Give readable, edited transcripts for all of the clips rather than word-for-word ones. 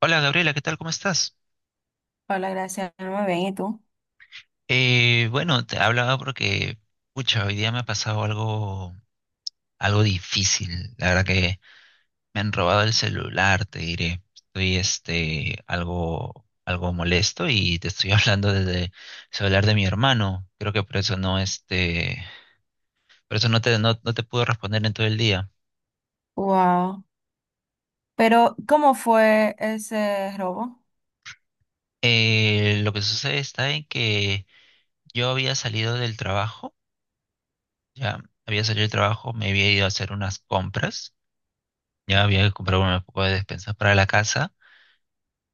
Hola Gabriela, ¿qué tal? ¿Cómo estás? Hola, gracias. Muy bien, ¿y tú? Bueno, te hablaba porque, pucha, hoy día me ha pasado algo difícil. La verdad que me han robado el celular, te diré. Estoy algo molesto y te estoy hablando desde el celular de mi hermano. Creo que por eso no, por eso no te puedo responder en todo el día. Wow. Pero, ¿cómo fue ese robo? Lo que sucede está en que yo había salido del trabajo, ya había salido del trabajo, me había ido a hacer unas compras. Ya había comprado una poco de despensas para la casa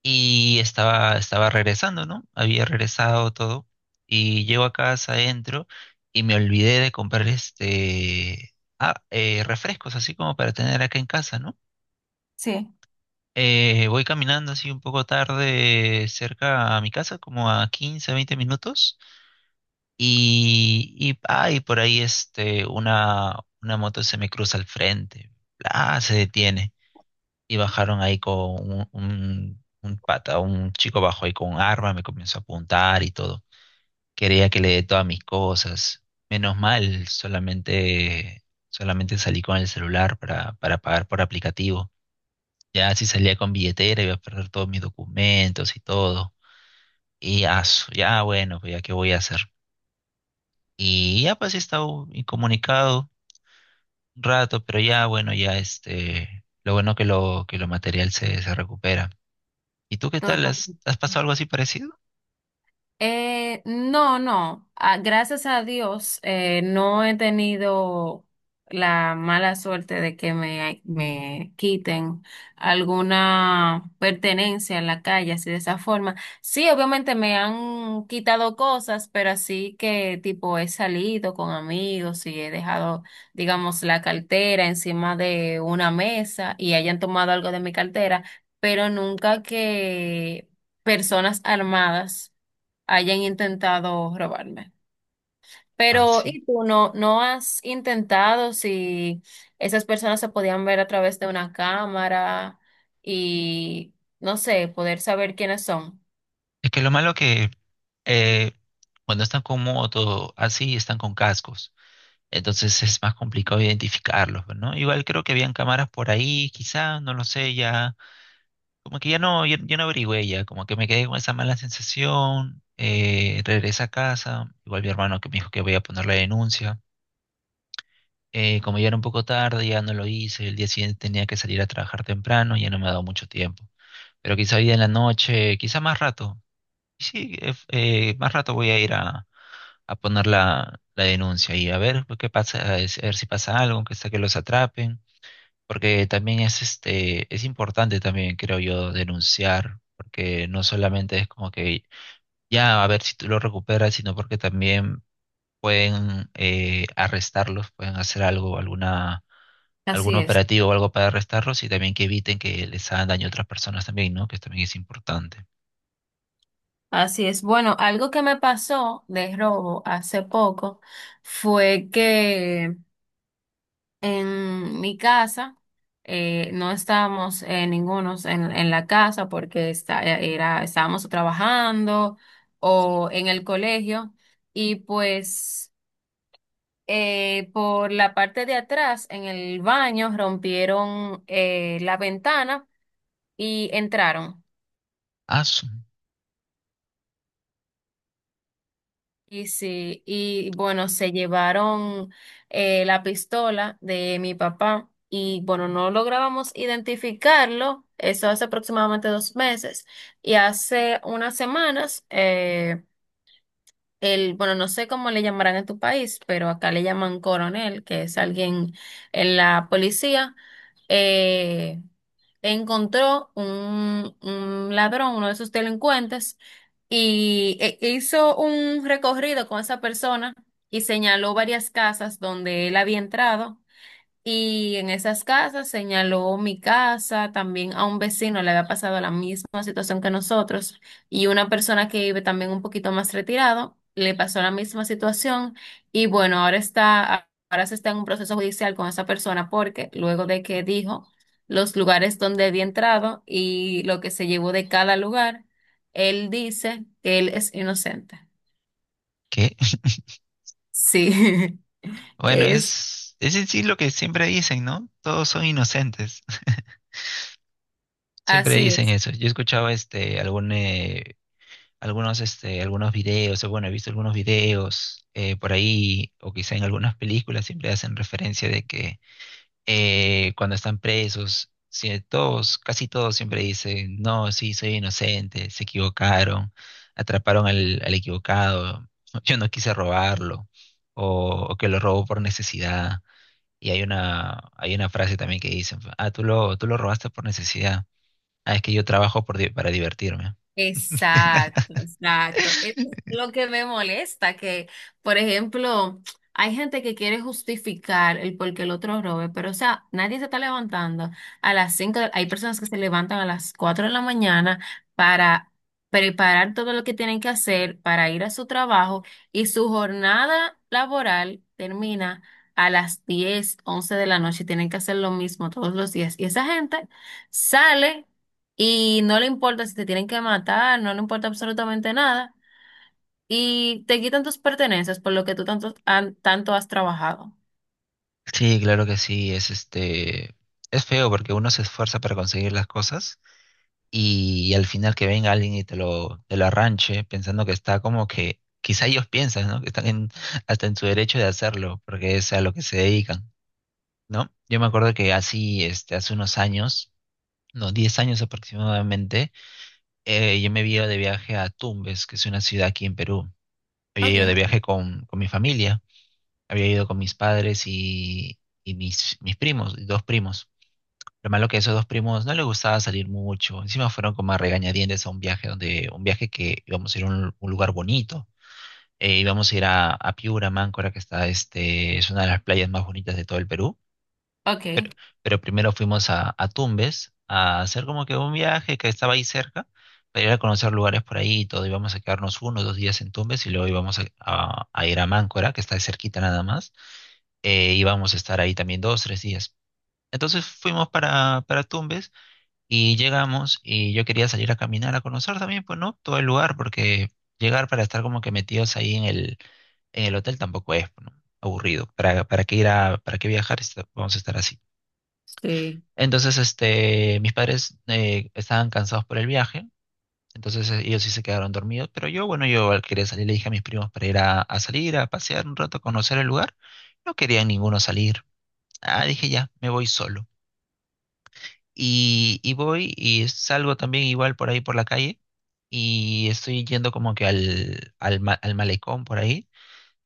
y estaba regresando, ¿no? Había regresado todo y llego a casa, entro y me olvidé de comprar refrescos, así como para tener acá en casa, ¿no? Sí. Voy caminando así un poco tarde cerca a mi casa, como a 15 20 minutos y por ahí una moto se me cruza al frente, se detiene. Y bajaron ahí con un chico bajo ahí con un arma, me comenzó a apuntar y todo. Quería que le dé todas mis cosas. Menos mal, solamente salí con el celular para pagar por aplicativo. Ya si salía con billetera iba a perder todos mis documentos y todo. Y ya, bueno, pues ya qué voy a hacer. Y ya pues he estado incomunicado un rato, pero ya bueno, ya lo bueno que que lo material se recupera. ¿Y tú qué Todo. tal? ¿Has pasado algo así parecido? No, no. Ah, gracias a Dios, no he tenido la mala suerte de que me quiten alguna pertenencia en la calle, así de esa forma. Sí, obviamente me han quitado cosas, pero así que tipo he salido con amigos y he dejado, digamos, la cartera encima de una mesa y hayan tomado algo de mi cartera, pero nunca que personas armadas hayan intentado robarme. Ah, Pero, sí. ¿y tú no has intentado si esas personas se podían ver a través de una cámara y, no sé, poder saber quiénes son? Es que lo malo que eh, cuando están con moto, así están con cascos. Entonces es más complicado identificarlos, pues, ¿no? Igual creo que habían cámaras por ahí, quizá, no lo sé, ya. Como que ya no averigüé ya, como que me quedé con esa mala sensación. Regresé a casa, igual mi hermano que me dijo que voy a poner la denuncia. Como ya era un poco tarde, ya no lo hice, el día siguiente tenía que salir a trabajar temprano, ya no me ha dado mucho tiempo. Pero quizá hoy día en la noche, quizá más rato. Sí, más rato voy a ir a poner la denuncia y a ver pues, qué pasa, a ver si pasa algo, que sea que los atrapen, porque también es es importante también, creo yo, denunciar, porque no solamente es como que ya a ver si tú lo recuperas, sino porque también pueden arrestarlos, pueden hacer algo, alguna algún Así es, operativo o algo para arrestarlos y también que eviten que les hagan daño a otras personas también, ¿no? Que también es importante. así es. Bueno, algo que me pasó de robo hace poco fue que en mi casa no estábamos, ningunos en la casa porque está, era, estábamos trabajando o en el colegio, y pues por la parte de atrás en el baño rompieron la ventana y entraron. Asu, Y sí, y bueno, se llevaron la pistola de mi papá, y bueno, no lográbamos identificarlo. Eso hace aproximadamente 2 meses, y hace unas semanas bueno, no sé cómo le llamarán en tu país, pero acá le llaman coronel, que es alguien en la policía. eh, Encontró un ladrón, uno de sus delincuentes, y e hizo un recorrido con esa persona y señaló varias casas donde él había entrado, y en esas casas señaló mi casa. También a un vecino le había pasado la misma situación que nosotros, y una persona que vive también un poquito más retirado le pasó la misma situación. Y bueno, ahora está, ahora se está en un proceso judicial con esa persona, porque luego de que dijo los lugares donde había entrado y lo que se llevó de cada lugar, él dice que él es inocente. ¿qué? Sí, Bueno, es es en sí lo que siempre dicen, ¿no? Todos son inocentes. Siempre así. dicen eso. Yo he escuchado algunos videos, o bueno, he visto algunos videos por ahí, o quizá en algunas películas siempre hacen referencia de que cuando están presos, todos, casi todos siempre dicen, no, sí, soy inocente, se equivocaron, atraparon al equivocado, yo no quise robarlo, o que lo robó por necesidad. Y hay una frase también que dicen, tú lo robaste por necesidad. Ah, es que yo trabajo para divertirme. Exacto, exacto. Es lo que me molesta, que, por ejemplo, hay gente que quiere justificar el por qué el otro robe, pero, o sea, nadie se está levantando a las 5. Hay personas que se levantan a las 4 de la mañana para preparar todo lo que tienen que hacer para ir a su trabajo, y su jornada laboral termina a las 10, 11 de la noche. Tienen que hacer lo mismo todos los días. Y esa gente sale y no le importa si te tienen que matar, no le importa absolutamente nada, y te quitan tus pertenencias por lo que tú tanto, tanto has trabajado. Sí, claro que sí, es es feo porque uno se esfuerza para conseguir las cosas y, al final que venga alguien y te lo arranche pensando que está como que, quizá ellos piensan, ¿no? Que están hasta en su derecho de hacerlo porque es a lo que se dedican, ¿no? Yo me acuerdo que así, hace unos años, no, 10 años aproximadamente, yo me había ido de viaje a Tumbes, que es una ciudad aquí en Perú. Había ido de Okay, viaje con mi familia, había ido con mis padres y mis primos, y dos primos. Lo malo que a esos dos primos no les gustaba salir mucho. Encima fueron como a regañadientes a un viaje donde, un viaje que íbamos a ir a un lugar bonito. Íbamos a ir a Piura, Máncora, que es una de las playas más bonitas de todo el Perú. okay. Pero primero fuimos a Tumbes a hacer como que un viaje que estaba ahí cerca, para ir a conocer lugares por ahí y todo. Íbamos a quedarnos 1 o 2 días en Tumbes y luego íbamos a ir a Máncora, que está ahí cerquita nada más. Íbamos a estar ahí también 2, 3 días. Entonces fuimos para Tumbes y llegamos y yo quería salir a caminar, a conocer también, pues no, todo el lugar, porque llegar para estar como que metidos ahí en en el hotel tampoco es, ¿no? Aburrido. ¿Para qué ir para qué viajar? Vamos a estar así. Sí. Entonces, mis padres estaban cansados por el viaje, entonces ellos sí se quedaron dormidos, pero yo, bueno, yo al querer salir le dije a mis primos para ir a salir, a pasear un rato, a conocer el lugar. No querían ninguno salir. Ah, dije ya, me voy solo. Y voy y salgo también igual por ahí por la calle y estoy yendo como que al malecón por ahí,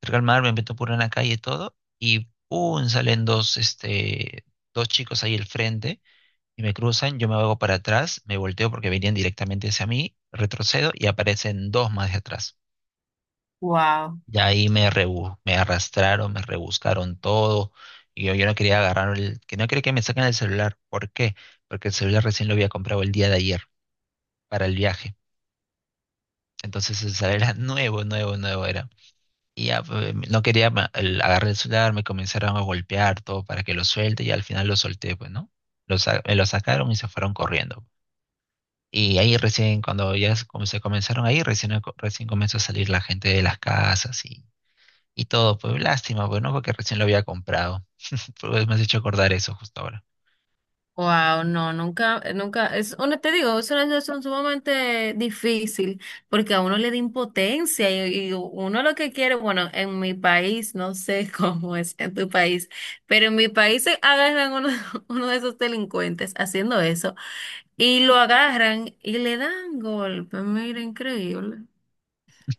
cerca al mar, me meto por una calle y todo y ¡pum! Salen dos, dos chicos ahí al frente y me cruzan, yo me hago para atrás, me volteo porque venían directamente hacia mí, retrocedo y aparecen dos más de atrás. Wow, Ya ahí me arrastraron, me rebuscaron todo. Y yo no quería agarrar que no quería que me saquen el celular. ¿Por qué? Porque el celular recién lo había comprado el día de ayer para el viaje. Entonces el celular era nuevo, nuevo, nuevo era. Y ya pues, no quería agarrar el celular, me comenzaron a golpear todo para que lo suelte y al final lo solté, pues, ¿no? Me lo sacaron y se fueron corriendo. Y ahí recién, cuando ya se comenzaron ahí, recién, recién comenzó a salir la gente de las casas y todo. Pues lástima, pues no, porque recién lo había comprado. Pues me has hecho acordar eso justo ahora. wow, no, nunca, nunca, es una, te digo, es una situación sumamente difícil, porque a uno le da impotencia, y uno lo que quiere, bueno, en mi país, no sé cómo es en tu país, pero en mi país se agarran uno, uno de esos delincuentes haciendo eso, y lo agarran y le dan golpe, mira, increíble.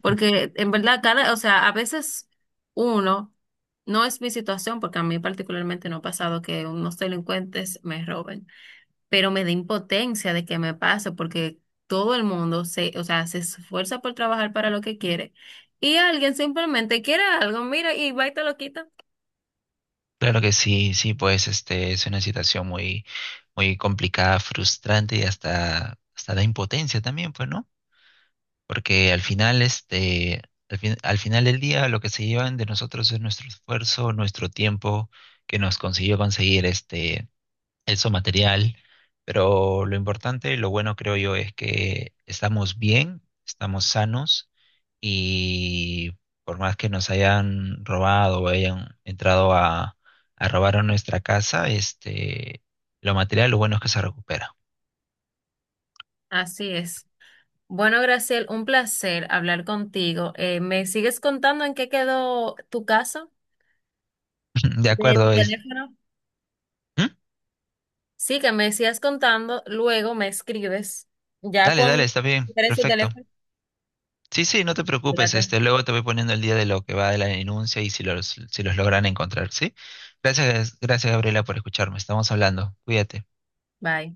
Porque en verdad, o sea, a veces uno, no es mi situación, porque a mí particularmente no ha pasado que unos delincuentes me roben, pero me da impotencia de que me pase, porque todo el mundo se, o sea, se esfuerza por trabajar para lo que quiere, y alguien simplemente quiere algo, mira, y va y te lo quita. Claro que sí, sí, pues este es una situación muy, muy complicada, frustrante y hasta da impotencia también, pues, ¿no? Porque al final, al final del día lo que se llevan de nosotros es nuestro esfuerzo, nuestro tiempo que nos consiguió conseguir eso material, pero lo importante, lo bueno creo yo es que estamos bien, estamos sanos y por más que nos hayan robado o hayan entrado a robar a nuestra casa, lo material, lo bueno es que se recupera. Así es. Bueno, Graciel, un placer hablar contigo. ¿Me sigues contando en qué quedó tu caso De de tu acuerdo, es... teléfono? ¿Mm? Sí, que me sigas contando, luego me escribes. Ya Dale, dale, cuando está bien, recuperes tu perfecto. teléfono, Sí, sí, no te preocupes, espérate. Luego te voy poniendo el día de lo que va de la denuncia y si los logran encontrar, ¿sí? Gracias, gracias Gabriela por escucharme, estamos hablando, cuídate. Bye.